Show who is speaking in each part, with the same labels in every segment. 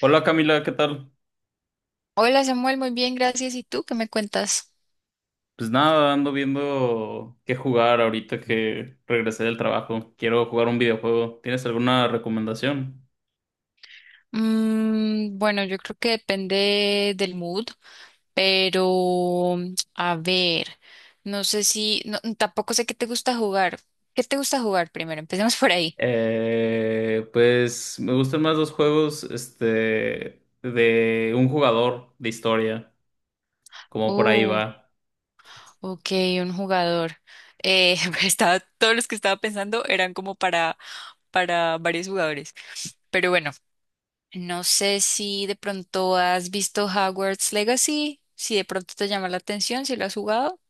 Speaker 1: Hola Camila, ¿qué tal?
Speaker 2: Hola Samuel, muy bien, gracias. ¿Y tú qué me cuentas?
Speaker 1: Pues nada, ando viendo qué jugar ahorita que regresé del trabajo. Quiero jugar un videojuego. ¿Tienes alguna recomendación?
Speaker 2: Mm, bueno, yo creo que depende del mood, pero a ver, no sé si, no, tampoco sé qué te gusta jugar. ¿Qué te gusta jugar primero? Empecemos por ahí.
Speaker 1: Pues me gustan más los juegos, este, de un jugador de historia, como por ahí
Speaker 2: Uh,
Speaker 1: va.
Speaker 2: ok, un jugador. Eh, estaba, todos los que estaba pensando eran como para varios jugadores. Pero bueno, no sé si de pronto has visto Hogwarts Legacy, si de pronto te llama la atención, si lo has jugado.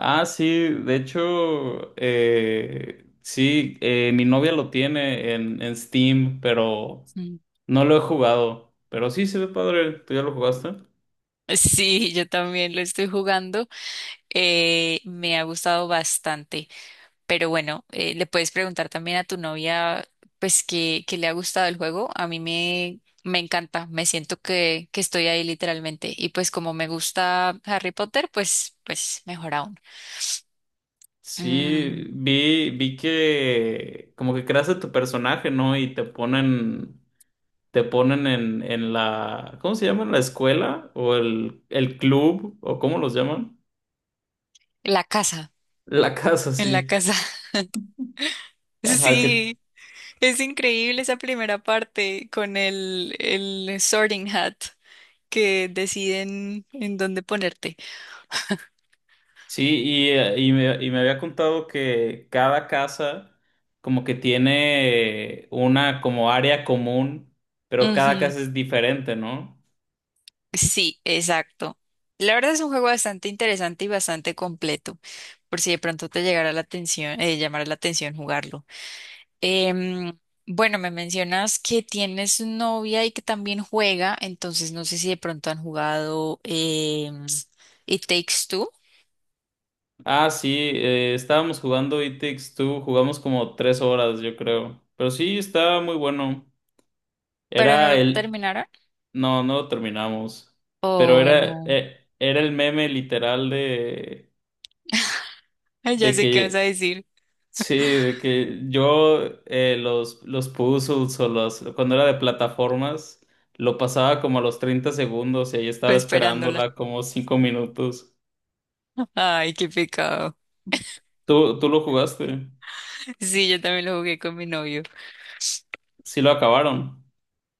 Speaker 1: Ah, sí, de hecho, sí, mi novia lo tiene en Steam, pero no lo he jugado. Pero sí se ve padre. ¿Tú ya lo jugaste?
Speaker 2: Sí, yo también lo estoy jugando. Me ha gustado bastante. Pero bueno, le puedes preguntar también a tu novia, pues, que le ha gustado el juego. A mí me encanta. Me siento que estoy ahí literalmente. Y pues como me gusta Harry Potter, pues, pues mejor aún.
Speaker 1: Sí,
Speaker 2: Mm,
Speaker 1: vi que como que creas a tu personaje, ¿no? Y te ponen en la, ¿cómo se llama? ¿La escuela? ¿O el club? ¿O cómo los llaman?
Speaker 2: la casa.
Speaker 1: La casa,
Speaker 2: En la
Speaker 1: sí.
Speaker 2: casa.
Speaker 1: Ajá, que
Speaker 2: Sí, es increíble esa primera parte con el Sorting Hat que deciden en dónde ponerte.
Speaker 1: sí, y me había contado que cada casa como que tiene una como área común, pero cada
Speaker 2: Ujú.
Speaker 1: casa es diferente, ¿no?
Speaker 2: Sí, exacto. La verdad es un juego bastante interesante y bastante completo, por si de pronto te llegara la atención, llamara la atención jugarlo. Em, bueno, me mencionas que tienes novia y que también juega, entonces no sé si de pronto han jugado It Takes Two,
Speaker 1: Ah, sí, estábamos jugando It Takes Two, jugamos como 3 horas, yo creo. Pero sí, estaba muy bueno.
Speaker 2: pero no
Speaker 1: Era
Speaker 2: lo
Speaker 1: el...
Speaker 2: terminaron.
Speaker 1: No, no lo terminamos. Pero
Speaker 2: Ay,
Speaker 1: era,
Speaker 2: no.
Speaker 1: era el meme literal
Speaker 2: Ay, ya
Speaker 1: de
Speaker 2: sé qué vas a
Speaker 1: que...
Speaker 2: decir.
Speaker 1: Sí, de que yo los puzzles o los... Cuando era de plataformas, lo pasaba como a los 30 segundos y ahí
Speaker 2: Fue
Speaker 1: estaba
Speaker 2: esperándola.
Speaker 1: esperándola como 5 minutos.
Speaker 2: Ay, qué pecado.
Speaker 1: ¿¿Tú lo jugaste?
Speaker 2: Sí, yo también lo jugué con mi novio.
Speaker 1: Sí lo acabaron.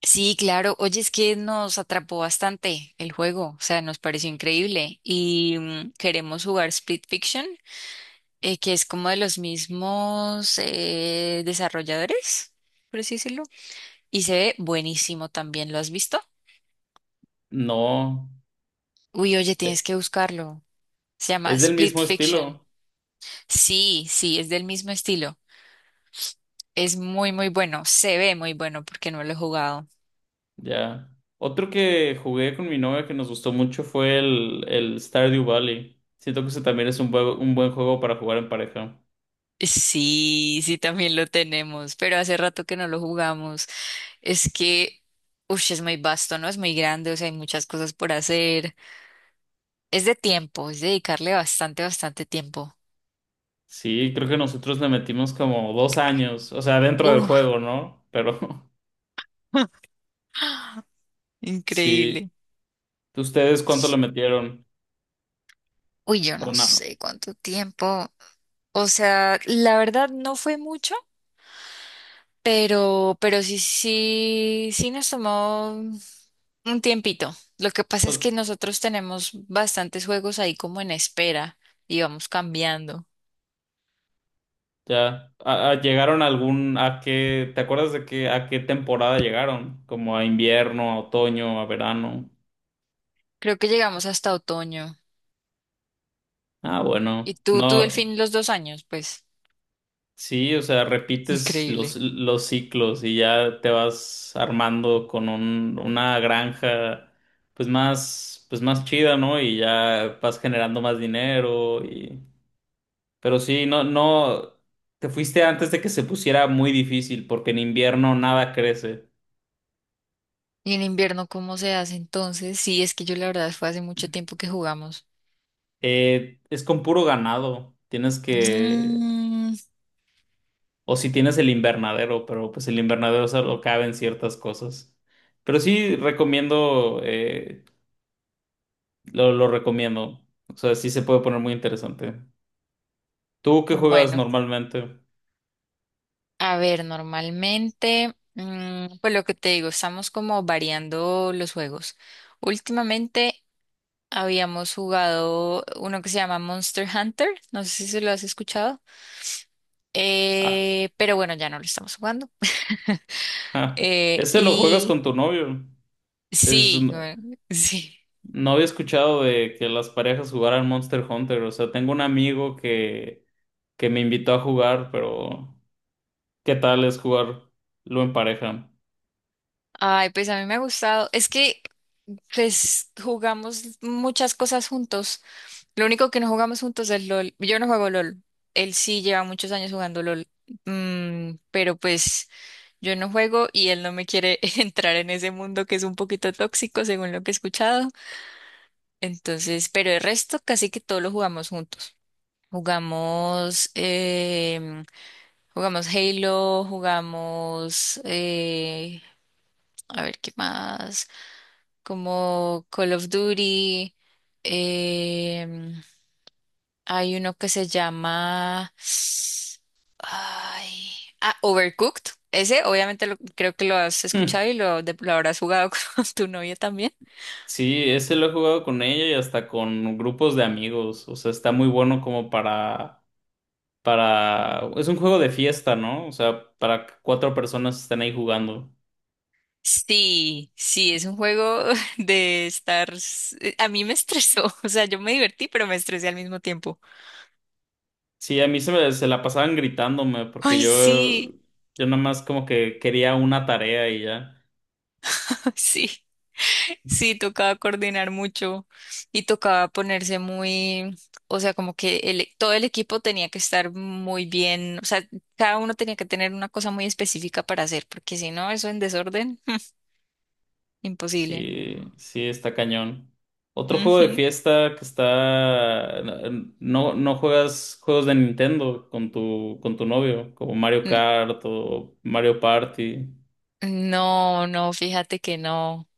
Speaker 2: Sí, claro. Oye, es que nos atrapó bastante el juego, o sea, nos pareció increíble. Y mm, queremos jugar Split Fiction, que es como de los mismos desarrolladores, por así decirlo. Y se ve buenísimo también, ¿lo has visto?
Speaker 1: No.
Speaker 2: Uy, oye, tienes que buscarlo. Se llama
Speaker 1: Es del
Speaker 2: Split
Speaker 1: mismo
Speaker 2: Fiction.
Speaker 1: estilo,
Speaker 2: Sí, sí, es del mismo estilo. Es muy, muy bueno. Se ve muy bueno porque no lo he jugado.
Speaker 1: ya. Otro que jugué con mi novia que nos gustó mucho fue el Stardew Valley. Siento que ese también es un, un buen juego para jugar en pareja.
Speaker 2: Sí, sí, también lo tenemos, pero hace rato que no lo jugamos. Es que, uff, es muy vasto, ¿no? Es muy grande, o sea, hay muchas cosas por hacer. Es de tiempo, es dedicarle bastante, bastante tiempo.
Speaker 1: Sí, creo que nosotros le metimos como 2 años, o sea, dentro del
Speaker 2: Uff,
Speaker 1: juego, ¿no? Pero sí,
Speaker 2: increíble.
Speaker 1: ¿ustedes cuánto le metieron?
Speaker 2: Uy, yo
Speaker 1: O
Speaker 2: no
Speaker 1: nada.
Speaker 2: sé cuánto tiempo. O sea, la verdad no fue mucho, pero sí, sí, sí nos tomó un tiempito. Lo que pasa
Speaker 1: Pues,
Speaker 2: es que nosotros tenemos bastantes juegos ahí como en espera y vamos cambiando.
Speaker 1: ya. ¿Llegaron a algún, a qué, te acuerdas de qué, a qué temporada llegaron? Como a invierno, a otoño, a verano.
Speaker 2: Creo que llegamos hasta otoño.
Speaker 1: Ah,
Speaker 2: ¿Y
Speaker 1: bueno.
Speaker 2: tú,
Speaker 1: No.
Speaker 2: Delfín los 2 años, pues?
Speaker 1: Sí, o sea, repites los,
Speaker 2: Increíble.
Speaker 1: los ciclos y ya te vas armando con una granja pues más chida, ¿no? Y ya vas generando más dinero y... Pero sí, no, no, te fuiste antes de que se pusiera muy difícil porque en invierno nada crece.
Speaker 2: ¿Y en invierno cómo se hace entonces? Sí, es que yo la verdad fue hace mucho tiempo que jugamos.
Speaker 1: Es con puro ganado, tienes que...
Speaker 2: Mm,
Speaker 1: O si tienes el invernadero, pero pues el invernadero solo caben ciertas cosas. Pero sí recomiendo... lo recomiendo. O sea, sí se puede poner muy interesante. ¿Tú qué juegas
Speaker 2: bueno,
Speaker 1: normalmente?
Speaker 2: a ver, normalmente, mm, pues lo que te digo, estamos como variando los juegos. Últimamente habíamos jugado uno que se llama Monster Hunter, no sé si se lo has escuchado,
Speaker 1: Ah,
Speaker 2: pero bueno, ya no lo estamos jugando.
Speaker 1: ja.
Speaker 2: Eh,
Speaker 1: Ese lo juegas
Speaker 2: y
Speaker 1: con tu novio. Es,
Speaker 2: sí,
Speaker 1: no,
Speaker 2: bueno, sí.
Speaker 1: no había escuchado de que las parejas jugaran Monster Hunter. O sea, tengo un amigo que me invitó a jugar, pero ¿qué tal es jugarlo en pareja?
Speaker 2: Ay, pues a mí me ha gustado. Es que pues jugamos muchas cosas juntos. Lo único que no jugamos juntos es LOL. Yo no juego LOL. Él sí lleva muchos años jugando LOL. Mm, pero pues yo no juego y él no me quiere entrar en ese mundo que es un poquito tóxico, según lo que he escuchado. Entonces, pero el resto casi que todo lo jugamos juntos. Jugamos, jugamos Halo, jugamos, a ver qué más. Como Call of Duty. em, Hay uno que se llama... Ay, ah, Overcooked. Ese obviamente lo- creo que lo has
Speaker 1: Hmm.
Speaker 2: escuchado y lo, de- lo habrás jugado con tu novia también.
Speaker 1: Sí, ese lo he jugado con ella y hasta con grupos de amigos. O sea, está muy bueno como para... Es un juego de fiesta, ¿no? O sea, para que cuatro personas estén ahí jugando.
Speaker 2: Sí, sí, es un juego de estar... A mí me estresó, o sea, yo me divertí, pero me estresé al mismo tiempo.
Speaker 1: Sí, a mí se la pasaban gritándome porque
Speaker 2: Ay,
Speaker 1: yo,
Speaker 2: sí,
Speaker 1: yo nada más como que quería una tarea y ya.
Speaker 2: sí. Sí, tocaba coordinar mucho y tocaba ponerse muy, o sea, como que el- todo el equipo tenía que estar muy bien, o sea, cada uno tenía que tener una cosa muy específica para hacer, porque si no, eso en desorden, imposible.
Speaker 1: Sí, sí, está cañón. Otro juego de
Speaker 2: Ujú.
Speaker 1: fiesta que está... No, no juegas juegos de Nintendo con tu novio, como Mario
Speaker 2: N-
Speaker 1: Kart o Mario Party.
Speaker 2: No, no, fíjate que no.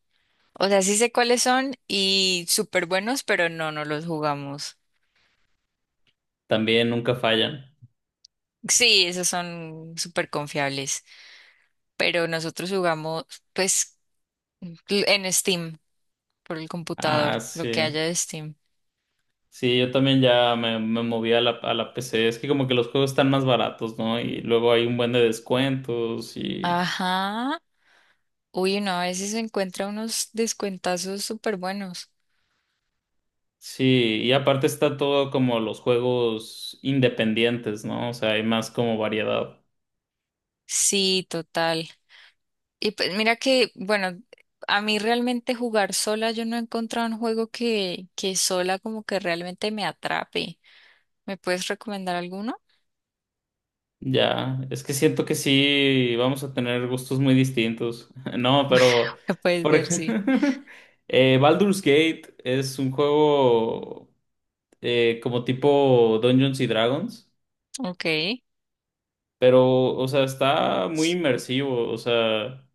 Speaker 2: O sea, sí sé cuáles son y súper buenos, pero no, no los jugamos.
Speaker 1: También nunca fallan.
Speaker 2: Sí, esos son súper confiables, pero nosotros jugamos, pues, en Steam. Por el
Speaker 1: Ah,
Speaker 2: computador, lo que
Speaker 1: sí.
Speaker 2: haya de Steam.
Speaker 1: Sí, yo también ya me moví a la PC. Es que como que los juegos están más baratos, ¿no? Y luego hay un buen de descuentos y...
Speaker 2: Ajá. Uy, no, a veces se encuentra unos descuentazos súper buenos.
Speaker 1: Sí, y aparte está todo como los juegos independientes, ¿no? O sea, hay más como variedad.
Speaker 2: Sí, total. Y pues mira que, bueno, a mí realmente jugar sola, yo no he encontrado un juego que sola como que realmente me atrape. ¿Me puedes recomendar alguno?
Speaker 1: Ya, es que siento que sí, vamos a tener gustos muy distintos. No, pero,
Speaker 2: Me puedes
Speaker 1: por
Speaker 2: ver,
Speaker 1: ejemplo,
Speaker 2: sí.
Speaker 1: Baldur's Gate es un juego como tipo Dungeons y Dragons.
Speaker 2: Ok.
Speaker 1: Pero, o sea, está muy inmersivo. O sea,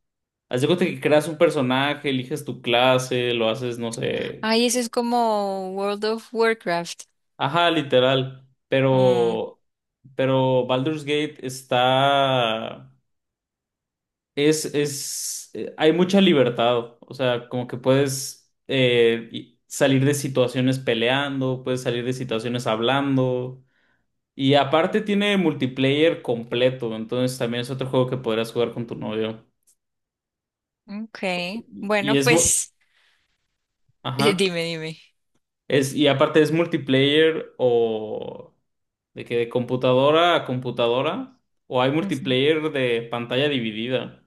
Speaker 1: haz de cuenta que creas un personaje, eliges tu clase, lo haces, no sé.
Speaker 2: Ay, ese es como World of Warcraft.
Speaker 1: Ajá, literal.
Speaker 2: Mm,
Speaker 1: Pero Baldur's Gate está. Es, es. Hay mucha libertad. O sea, como que puedes salir de situaciones peleando, puedes salir de situaciones hablando. Y aparte tiene multiplayer completo. Entonces también es otro juego que podrás jugar con tu novio.
Speaker 2: ok.
Speaker 1: Y
Speaker 2: Bueno,
Speaker 1: es muy.
Speaker 2: pues dime,
Speaker 1: Ajá.
Speaker 2: dime.
Speaker 1: Es, y aparte es multiplayer o de que de computadora a computadora o hay multiplayer de pantalla dividida.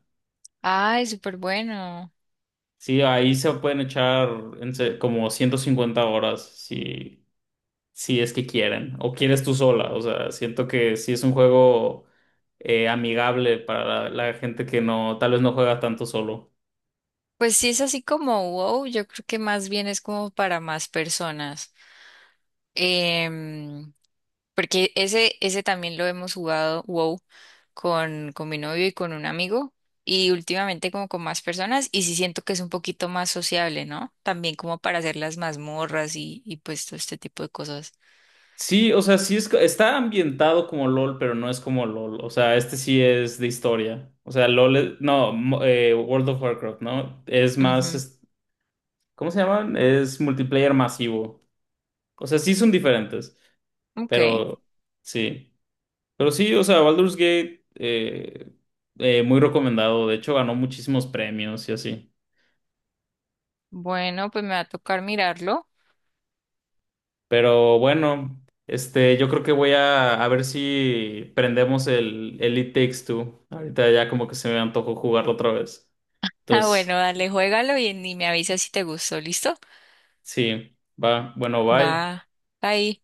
Speaker 2: Ay, súper bueno.
Speaker 1: Sí, ahí se pueden echar como 150 horas si, si es que quieren o quieres tú sola. O sea, siento que sí es un juego amigable para la, la gente que no, tal vez no juega tanto solo.
Speaker 2: Pues sí es así como wow, yo creo que más bien es como para más personas. Em, Porque ese también lo hemos jugado wow con mi novio y con un amigo y últimamente como con más personas y sí siento que es un poquito más sociable, ¿no? También como para hacer las mazmorras y pues todo este tipo de cosas.
Speaker 1: Sí, o sea, sí es, está ambientado como LOL, pero no es como LOL. O sea, este sí es de historia. O sea, LOL, es- no, mo- World of Warcraft, ¿no?
Speaker 2: Ujú,
Speaker 1: ¿Cómo se llaman? Es multiplayer masivo. O sea, sí son diferentes,
Speaker 2: ok,
Speaker 1: pero sí. Pero sí, o sea, Baldur's Gate, muy recomendado. De hecho, ganó muchísimos premios y así.
Speaker 2: bueno, pues me va a tocar mirarlo.
Speaker 1: Pero bueno, este, yo creo que voy a ver si prendemos el It Takes Two. Ahorita ya como que se me antojó jugarlo otra vez.
Speaker 2: Ah, bueno,
Speaker 1: Entonces,
Speaker 2: dale, juégalo y me avisas si te gustó, ¿listo?
Speaker 1: sí, va, bueno, bye.
Speaker 2: Va, ahí.